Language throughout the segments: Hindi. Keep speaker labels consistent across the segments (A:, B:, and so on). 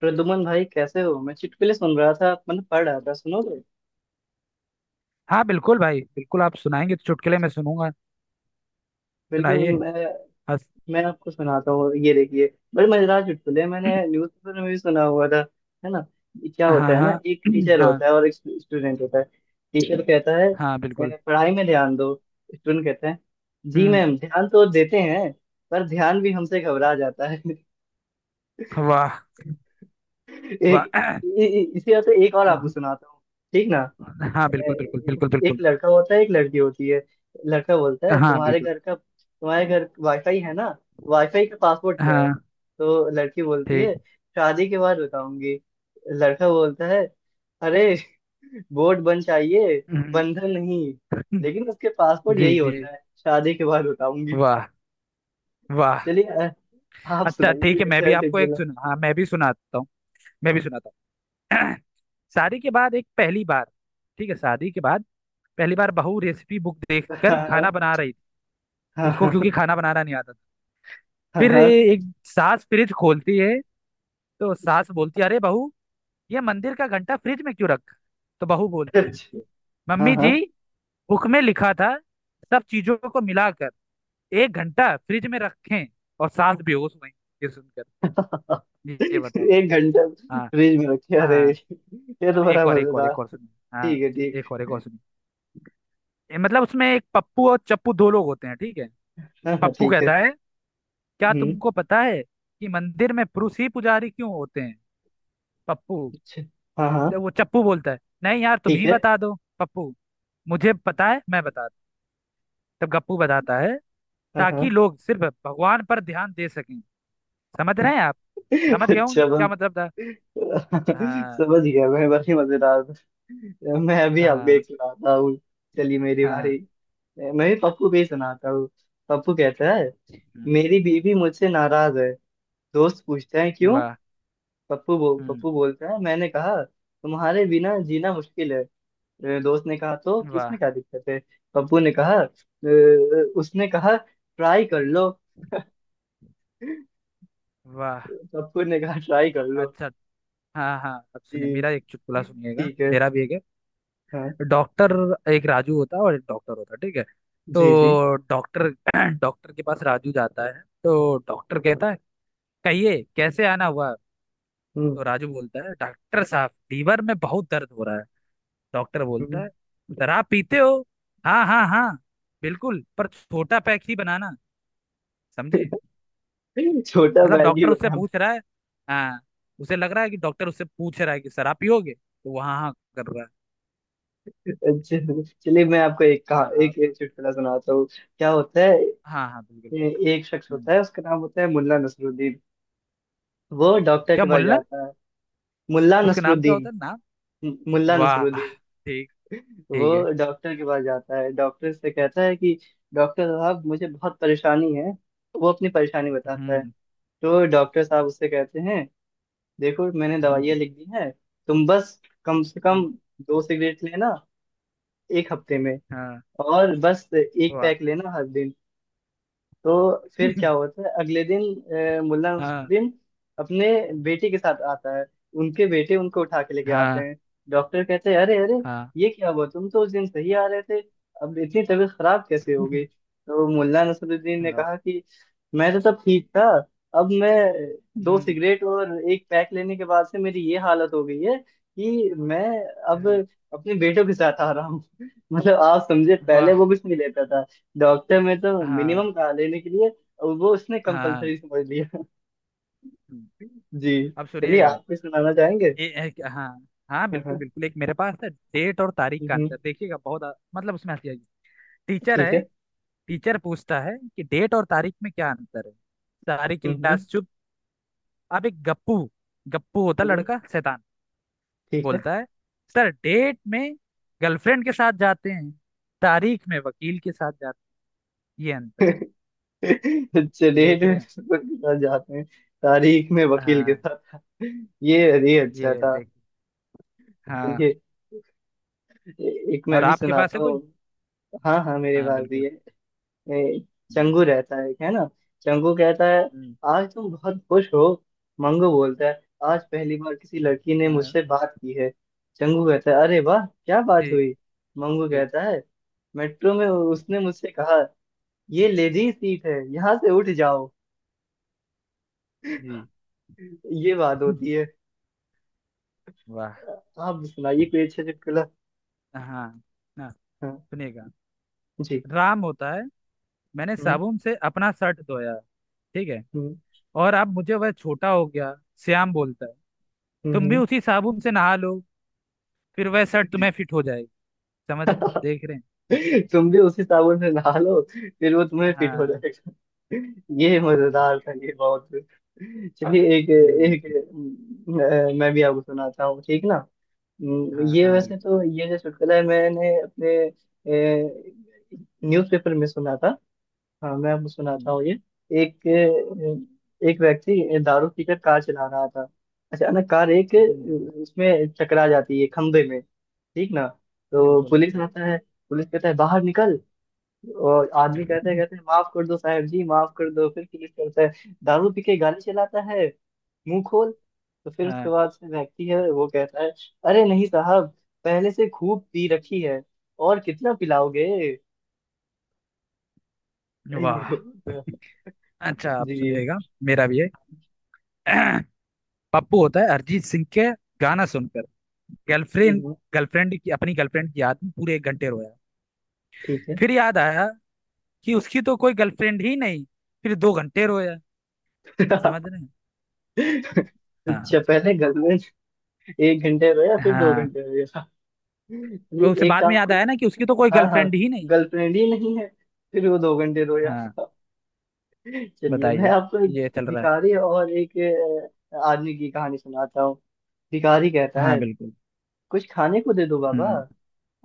A: प्रदुमन भाई कैसे हो। मैं चुटकुले सुन रहा था, मतलब पढ़ रहा था। सुनोगे?
B: हाँ बिल्कुल भाई, बिल्कुल। आप सुनाएंगे तो चुटकुले में सुनूंगा।
A: बिल्कुल।
B: सुनाइए।
A: मैं
B: हंस।
A: मैं आपको सुनाता हूँ। ये देखिए, बड़े मजेदार चुटकुले हैं, मैंने न्यूज़पेपर में भी सुना हुआ था। है ना? ये क्या
B: हाँ
A: होता है
B: हाँ।
A: ना, एक टीचर
B: हाँ।
A: होता है और एक स्टूडेंट होता है। टीचर कहता है,
B: हाँ बिल्कुल।
A: "ए, पढ़ाई में ध्यान दो।" स्टूडेंट कहता है, "जी
B: हम्म।
A: मैम, ध्यान तो देते हैं पर ध्यान भी हमसे घबरा जाता है।"
B: वाह।
A: एक
B: वाह।
A: इसी तरह से एक और आपको सुनाता हूँ। ठीक ना?
B: हाँ बिल्कुल बिल्कुल बिल्कुल
A: एक
B: बिल्कुल।
A: लड़का होता है, एक लड़की होती है। लड़का बोलता है,
B: हाँ बिल्कुल।
A: तुम्हारे घर वाईफाई है ना? वाईफाई का पासवर्ड क्या है?
B: हाँ।
A: तो लड़की बोलती
B: ठीक।
A: है, शादी के बाद बताऊंगी। लड़का बोलता है, अरे बोर्ड बन चाहिए,
B: हम्म।
A: बंधन नहीं। लेकिन उसके पासपोर्ट
B: जी
A: यही
B: जी।
A: होता है, शादी के बाद बताऊंगी।
B: वाह। वाह।
A: चलिए, आप
B: अच्छा
A: सुनाइए
B: ठीक
A: कोई
B: है, मैं
A: अच्छा
B: भी
A: ऐसे
B: आपको एक
A: खेला।
B: सुना, हाँ मैं भी सुनाता हूँ। मैं भी सुनाता हूँ शादी के बाद एक पहली बार, ठीक है शादी के बाद पहली बार बहू रेसिपी बुक देखकर खाना
A: हाँ
B: बना रही थी।
A: हाँ
B: उसको
A: हाँ। हाँ
B: क्योंकि खाना बनाना नहीं आता था। फिर
A: हाँ
B: एक सास फ्रिज खोलती है तो सास बोलती है, अरे बहू, ये मंदिर का घंटा फ्रिज में क्यों रखा है? तो बहू बोलती है,
A: हाँ।
B: मम्मी जी,
A: हाँ,
B: बुक में लिखा था सब चीजों को मिलाकर एक घंटा फ्रिज में रखें। और सास बेहोश हुई ये सुनकर। ये बताओ।
A: एक घंटा
B: हाँ
A: फ्रिज में रखे, अरे
B: हाँ।
A: ये
B: अब
A: तो
B: एक
A: बड़ा
B: और एक और
A: मजेदार।
B: एक और सुनिए। हाँ।
A: ठीक है ठीक है,
B: एक और सुनिए। ये मतलब उसमें एक पप्पू और चप्पू दो लोग होते हैं, ठीक है।
A: हाँ हाँ
B: पप्पू
A: ठीक है।
B: कहता है, क्या
A: हम्म।
B: तुमको पता है कि मंदिर में पुरुष ही पुजारी क्यों होते हैं? पप्पू,
A: अच्छा। हाँ हाँ
B: जब वो चप्पू बोलता है, नहीं यार तुम
A: ठीक
B: ही
A: है।
B: बता दो, पप्पू मुझे पता है मैं बता दूं। तब गप्पू बताता है,
A: हाँ हाँ।
B: ताकि लोग सिर्फ भगवान पर ध्यान दे सकें। समझ रहे हैं आप? समझ गए होंगे
A: अच्छा
B: क्या
A: बस,
B: मतलब था। हाँ
A: समझ गया मैं। बड़ी मजेदार था। मैं अभी आपको
B: हाँ
A: एक सुनाता हूँ। चलिए मेरी
B: हाँ।
A: बारी। मैं भी पप्पू पे ही सुनाता हूँ। पप्पू कहता है,
B: हम्म।
A: मेरी बीवी मुझसे नाराज है। दोस्त पूछते हैं क्यों?
B: वाह। हम्म।
A: पप्पू बोलता है, मैंने कहा तुम्हारे बिना जीना मुश्किल है। दोस्त ने कहा तो कि इसमें
B: वाह।
A: क्या दिक्कत है? पप्पू ने कहा, उसने कहा ट्राई कर लो।
B: वाह।
A: पप्पू ने कहा ट्राई कर लो।
B: अच्छा। हाँ हाँ, अब सुनिए
A: जी।
B: मेरा एक चुटकुला, सुनिएगा,
A: ठीक है।
B: मेरा भी एक है।
A: हाँ।
B: डॉक्टर, एक राजू होता है और एक डॉक्टर होता है, ठीक है।
A: जी जी।
B: तो डॉक्टर डॉक्टर के पास राजू जाता है तो डॉक्टर कहता है, कहिए कैसे आना हुआ?
A: हम्म
B: तो राजू बोलता है, डॉक्टर साहब, लीवर में बहुत दर्द हो रहा है। डॉक्टर बोलता है, शराब पीते हो? हाँ हाँ हाँ, बिल्कुल पर छोटा पैक ही बनाना। समझे?
A: छोटा
B: मतलब
A: बैग ही
B: डॉक्टर उससे
A: बना।
B: पूछ रहा है। हाँ, उसे लग रहा है कि डॉक्टर उससे पूछ रहा है कि शराब पियोगे, तो वो हाँ हाँ कर रहा है।
A: अच्छा। चलिए मैं आपको एक कहा
B: हाँ हाँ।
A: एक चुटकुला सुनाता हूँ। क्या होता है,
B: हाँ हाँ, बिल्कुल।
A: एक शख्स
B: हम्म।
A: होता है, उसका नाम होता है मुल्ला नसरुद्दीन। वो डॉक्टर
B: क्या
A: के पास
B: मुल्लन?
A: जाता है। मुल्ला
B: उसके नाम क्या
A: नसरुद्दीन।
B: होता है, नाम?
A: मुल्ला
B: वाह।
A: नसरुद्दीन।
B: ठीक।
A: वो
B: ठीक है।
A: डॉक्टर के पास जाता है, डॉक्टर से कहता है कि डॉक्टर साहब मुझे बहुत परेशानी है। वो अपनी परेशानी बताता है।
B: हम्म।
A: तो डॉक्टर साहब उससे कहते हैं, देखो मैंने
B: हम्म।
A: दवाइयाँ लिख दी हैं। तुम बस कम से कम
B: हम्म।
A: दो सिगरेट लेना एक हफ्ते में,
B: हाँ।
A: और बस एक
B: वाह।
A: पैक लेना हर दिन। तो फिर क्या होता है, अगले दिन मुल्ला
B: हाँ।
A: नसरुद्दीन अपने बेटे के साथ आता है। उनके बेटे उनको उठा के लेके आते
B: हाँ
A: हैं। डॉक्टर कहते हैं, अरे अरे
B: हाँ।
A: ये क्या हुआ, तुम तो उस दिन सही आ रहे थे, अब इतनी तबीयत खराब कैसे हो गई? तो मुल्ला नसरुद्दीन ने
B: हाँ।
A: कहा कि मैं तो तब ठीक था, अब मैं दो
B: हम्म।
A: सिगरेट और एक पैक लेने के बाद से मेरी ये हालत हो गई है कि मैं अब
B: हाँ।
A: अपने बेटों के साथ आ रहा हूँ। मतलब आप समझे, पहले
B: वाह।
A: वो कुछ नहीं लेता था। डॉक्टर में तो
B: हाँ
A: मिनिमम कहा लेने के लिए और वो उसने
B: हाँ।
A: कंपलसरी समझ लिया।
B: हम्म।
A: जी।
B: अब
A: चलिए
B: सुनिएगा।
A: आप भी सुनाना चाहेंगे।
B: हाँ, हाँ
A: हाँ,
B: बिल्कुल
A: हाँ।
B: बिल्कुल, एक मेरे पास है, डेट और तारीख का
A: हम्म,
B: अंतर, देखिएगा बहुत मतलब उसमें हंसी आएगी। टीचर
A: ठीक
B: है,
A: है।
B: टीचर पूछता है कि डेट और तारीख में क्या अंतर है? सारी
A: हम्म,
B: क्लास चुप। अब एक गप्पू, गप्पू होता
A: हम्म,
B: लड़का शैतान,
A: ठीक है।
B: बोलता है, सर डेट में गर्लफ्रेंड के साथ जाते हैं, तारीख में वकील के साथ जाते हैं। ये अंतर।
A: चलिए,
B: देख रहे हैं।
A: डॉक्टर के साथ जाते हैं, तारीख में वकील के
B: हाँ।
A: साथ। ये अरे अच्छा
B: ये
A: था।
B: देख। हाँ।
A: चलिए एक मैं
B: और
A: भी
B: आपके पास
A: सुनाता
B: है कुछ?
A: हूँ। हाँ हाँ मेरे
B: हाँ
A: पास भी
B: बिल्कुल।
A: है। ए, चंगू रहता है ना? चंगू कहता है,
B: हम्म।
A: आज तुम बहुत खुश हो। मंगू बोलता है, आज पहली बार किसी लड़की ने
B: हाँ।
A: मुझसे बात की है। चंगू कहता है, अरे वाह, क्या बात
B: जी।
A: हुई? मंगू
B: जी।
A: कहता है, मेट्रो में उसने मुझसे कहा, ये लेडी सीट है, यहाँ से उठ जाओ।
B: जी।
A: ये बात होती है।
B: वाह।
A: आप सुनाइए कोई अच्छा चुटकुला।
B: हाँ। ना।
A: हाँ।
B: सुनिएगा,
A: जी।
B: राम होता है, मैंने
A: हम्म
B: साबुन से अपना शर्ट धोया, ठीक है,
A: हम्म।
B: और अब मुझे वह छोटा हो गया। श्याम बोलता है, तुम भी
A: हम्म।
B: उसी साबुन से नहा लो फिर वह शर्ट तुम्हें फिट हो जाएगी। समझ रहे हैं? देख रहे हैं? ये।
A: तुम भी उसी साबुन से नहा लो, फिर वो तुम्हें फिट हो
B: हाँ।
A: जाएगा। ये मजेदार था, ये बहुत। चलिए एक
B: हम्म।
A: एक, मैं भी आपको सुनाता हूँ। ठीक ना?
B: हाँ
A: ये
B: हाँ
A: वैसे
B: बिल्कुल।
A: तो ये जो चुटकुला है मैंने अपने न्यूज़पेपर में सुना था। हाँ मैं आपको सुनाता
B: हम्म।
A: हूँ ये। एक एक व्यक्ति दारू पीकर कार चला रहा था। अचानक कार एक
B: हम्म,
A: उसमें टकरा जाती है खंभे में, ठीक ना? तो
B: बिल्कुल
A: पुलिस
B: बिल्कुल।
A: आता है। पुलिस कहता है, बाहर निकल। और आदमी कहते हैं, कहते हैं, माफ कर दो साहब जी, माफ कर दो। फिर पुलिस करता है, दारू पी के गाड़ी चलाता है, मुंह खोल। तो फिर उसके
B: हाँ।
A: बाद से व्यक्ति है वो कहता है, अरे नहीं साहब, पहले से खूब पी रखी है, और कितना पिलाओगे?
B: वाह।
A: अय्यो।
B: अच्छा आप
A: जी।
B: सुनिएगा, मेरा भी है। पप्पू होता है, अरिजीत सिंह के गाना सुनकर गर्लफ्रेंड,
A: हम्म,
B: गर्लफ्रेंड की, अपनी गर्लफ्रेंड की याद में पूरे एक घंटे रोया।
A: ठीक है।
B: फिर याद आया कि उसकी तो कोई गर्लफ्रेंड ही नहीं। फिर दो घंटे रोया। समझ रहे हैं?
A: अच्छा,
B: हाँ।
A: पहले घर में एक घंटे रोया, फिर दो
B: हाँ,
A: घंटे रोया। ये
B: वो उसे
A: एक
B: बाद में याद
A: आपको,
B: आया ना, कि उसकी तो कोई
A: हाँ हाँ
B: गर्लफ्रेंड ही नहीं।
A: गर्लफ्रेंड ही नहीं है, फिर वो दो घंटे रोया।
B: हाँ।
A: चलिए मैं
B: बताइए,
A: आपको एक
B: ये चल रहा है।
A: भिखारी और एक आदमी की कहानी सुनाता हूँ। भिखारी कहता
B: हाँ
A: है,
B: बिल्कुल।
A: कुछ खाने को दे दो बाबा।
B: हम्म।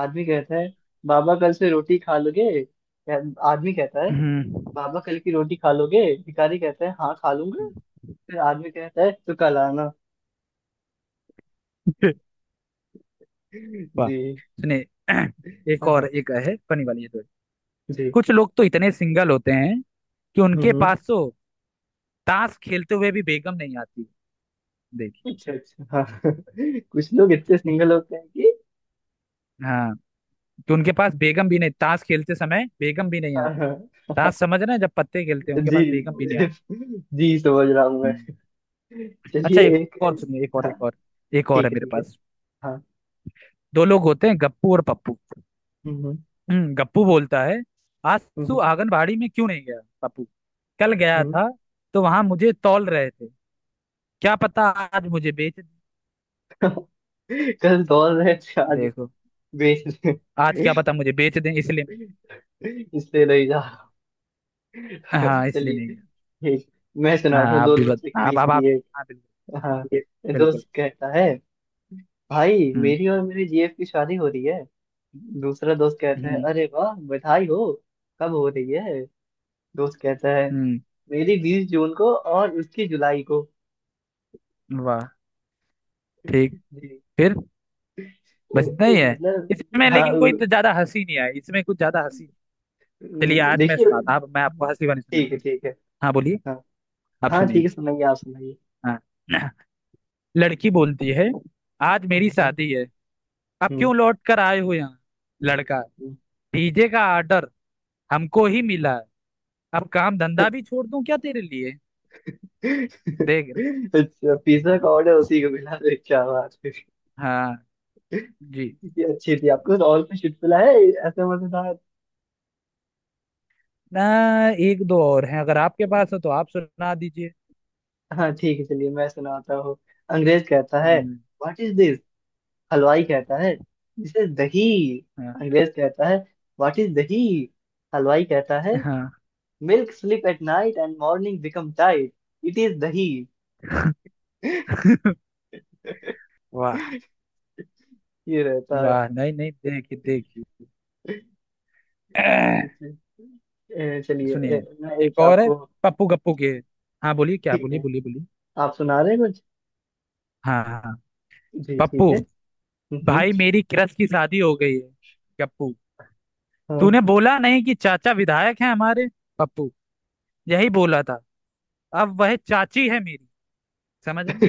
A: आदमी कहता है, बाबा कल से रोटी खा लोगे या- आदमी कहता है,
B: हम्म।
A: बाबा कल की रोटी खा लोगे? भिखारी कहता है, हाँ खा लूंगा।
B: हम्म।
A: फिर आदमी कहता है, तो कल आना।
B: वाह।
A: जी।
B: सुनिए, एक और
A: हाँ।
B: एक है, फनी वाली है तो,
A: जी।
B: कुछ लोग तो इतने सिंगल होते हैं कि उनके
A: हम्म।
B: पास तो ताश खेलते हुए भी बेगम नहीं आती।
A: अच्छा अच्छा। हाँ कुछ लोग इतने सिंगल होते हैं कि
B: हाँ, तो उनके पास बेगम भी नहीं, ताश खेलते समय बेगम भी नहीं
A: हाँ
B: आती।
A: हाँ।
B: ताश, समझ रहे हैं, जब पत्ते खेलते हैं, उनके
A: जी।
B: पास बेगम भी नहीं आती।
A: जी समझ रहा हूँ मैं।
B: हम्म। अच्छा
A: चलिए
B: एक
A: एक,
B: और सुनिए, एक और एक और, एक और
A: ठीक
B: है
A: है
B: मेरे
A: ठीक है।
B: पास।
A: हाँ।
B: दो लोग होते हैं, गप्पू और पप्पू।
A: हम्म
B: गप्पू बोलता है, आज
A: हम्म।
B: तू आंगनबाड़ी में क्यों नहीं गया? पप्पू, कल गया
A: हम्म।
B: था तो वहां मुझे तौल रहे थे, क्या पता आज मुझे बेच दें।
A: कल दौड़ रहे थे, आज
B: देखो,
A: बेच रहे
B: आज क्या
A: हैं।
B: पता मुझे बेच दें, इसलिए नहीं।
A: इसलिए नहीं जा रहा।
B: हाँ, इसलिए
A: चलिए
B: नहीं गया।
A: ठीक, मैं
B: हाँ
A: सुनाता हूँ
B: आप
A: दो
B: भी
A: दोस्तों के
B: आप
A: बीच
B: आप
A: की
B: आप
A: एक।
B: हाँ
A: हाँ
B: बिल्कुल। ये- बिल्कुल।
A: दोस्त कहता है, भाई
B: हम्म।
A: मेरी और मेरे जीएफ की शादी हो रही है। दूसरा दोस्त कहता है,
B: हम्म।
A: अरे वाह बधाई हो, कब हो रही है? दोस्त कहता है,
B: हम्म।
A: मेरी बीस जून को और उसकी जुलाई को।
B: वाह। ठीक।
A: जी।
B: फिर?
A: अ,
B: बस इतना ही है?
A: मतलब
B: इसमें
A: हाँ।
B: लेकिन कोई तो ज्यादा हंसी नहीं आई, इसमें कुछ ज्यादा हंसी। चलिए आज मैं
A: देखिए।
B: सुनाता हूँ, मैं आपको हंसी वाली
A: ठीक है
B: सुनाती हूँ।
A: ठीक है।
B: हाँ बोलिए।
A: हाँ,
B: आप
A: हाँ
B: सुनिए।
A: ठीक है, सुनाइए, आप सुनाइए।
B: हाँ। लड़की बोलती है, आज मेरी
A: हम्म,
B: शादी है, अब
A: हम्म,
B: क्यों लौट कर आए हो यहाँ? लड़का,
A: हम्म।
B: डीजे का ऑर्डर हमको ही मिला है, अब काम धंधा भी छोड़ दूं क्या तेरे लिए? देख रहे।
A: अच्छा, पिज्जा का ऑर्डर उसी को मिला तो क्या बात है?
B: हाँ। जी।
A: ये अच्छी थी। आपको तो और कुछ चुटकुला है ऐसे मजेदार?
B: ना, एक दो और हैं, अगर आपके पास हो तो आप सुना दीजिए।
A: हाँ ठीक है, चलिए मैं सुनाता हूँ। अंग्रेज कहता है,
B: हम्म।
A: What is this? हलवाई कहता है, दिस इज दही।
B: हाँ
A: अंग्रेज कहता है, व्हाट इज दही? हलवाई कहता है,
B: हाँ।
A: Milk sleep at night and morning become tight, it is दही।
B: वाह।
A: ये रहता है।
B: वाह नहीं नहीं, देखिए देखिए।
A: जी। चलिए
B: सुनिए,
A: मैं
B: एक
A: एक
B: और है,
A: आपको
B: पप्पू गप्पू के। हाँ बोलिए, क्या
A: ठीक
B: बोलिए,
A: है
B: बोलिए बोलिए।
A: आप सुना रहे हैं कुछ।
B: हाँ हाँ हाँ।
A: जी ठीक
B: पप्पू,
A: है। हम्म।
B: भाई मेरी क्रश की शादी हो गई है। गप्पू, तूने
A: हाँ।
B: बोला नहीं कि चाचा विधायक हैं हमारे? पप्पू, यही बोला था, अब वह चाची है मेरी। समझ रहे हैं?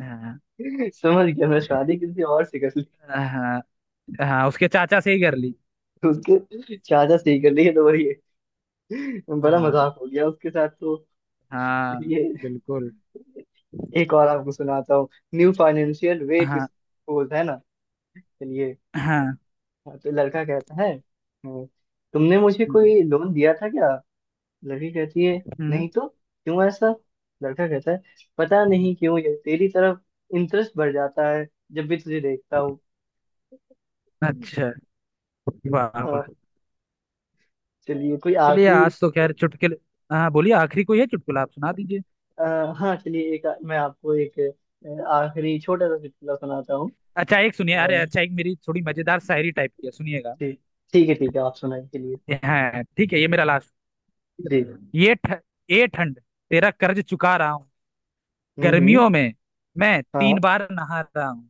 B: हाँ।
A: समझ गया मैं, शादी किसी और से कर ली।
B: हाँ, हाँ उसके चाचा से ही कर ली।
A: उसके चाचा से ही कर ली है तो वही है। बड़ा
B: हाँ।
A: मजाक हो गया उसके साथ तो।
B: हाँ
A: चलिए
B: बिल्कुल।
A: एक और आपको सुनाता हूँ। न्यू फाइनेंशियल वे टू
B: हाँ।
A: सपोज है ना। चलिए।
B: हाँ।
A: हाँ, तो लड़का कहता है, तुमने मुझे
B: हम्म।
A: कोई लोन दिया था क्या?" लड़की कहती है,
B: हम्म।
A: नहीं तो, क्यों ऐसा? लड़का कहता है, पता
B: हम्म।
A: नहीं क्यों ये तेरी तरफ इंटरेस्ट बढ़ जाता है जब भी तुझे देखता हूँ।
B: अच्छा। वाह।
A: हाँ। चलिए कोई
B: चलिए
A: आखिरी,
B: आज तो खैर चुटकुले। हाँ बोलिए, आखिरी कोई है चुटकुला, आप सुना दीजिए।
A: हाँ चलिए एक मैं आपको एक आखिरी छोटा सा चुटकुला सुनाता हूँ।
B: अच्छा एक सुनिए,
A: अ,
B: अरे अच्छा, एक मेरी थोड़ी मजेदार शायरी टाइप की है, सुनिएगा।
A: ठीक ठीक है ठीक है, आप सुनाइए के लिए।
B: हाँ ठीक है, ये मेरा लास्ट। ठीक
A: जी।
B: है। ये ठंड, तेरा कर्ज चुका रहा हूँ,
A: हम्म।
B: गर्मियों में मैं
A: हाँ।
B: तीन बार नहा रहा हूँ।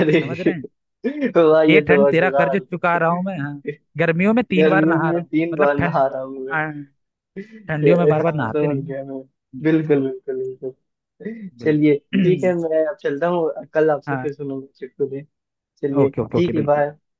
A: अरे
B: समझ रहे हैं?
A: वाह ये
B: ये
A: तो
B: ठंड तेरा कर्ज
A: मजेदार।
B: चुका रहा हूँ मैं, हाँ, गर्मियों में तीन बार
A: गर्मियों
B: नहा
A: में
B: रहा हूँ,
A: तीन
B: मतलब
A: बार
B: ठंड।
A: नहा रहा हूँ।
B: हाँ, ठंडियों में
A: ये-
B: बार बार
A: हाँ
B: नहाते
A: समझ
B: नहीं ना।
A: गया मैं।
B: हम्म,
A: बिल्कुल बिल्कुल बिल्कुल। चलिए
B: बिल्कुल।
A: ठीक है, मैं अब चलता हूँ, कल आपसे
B: हाँ।
A: फिर सुनूंगा चुटकुले। चलिए
B: ओके ओके ओके,
A: ठीक है,
B: बिल्कुल।
A: बाय।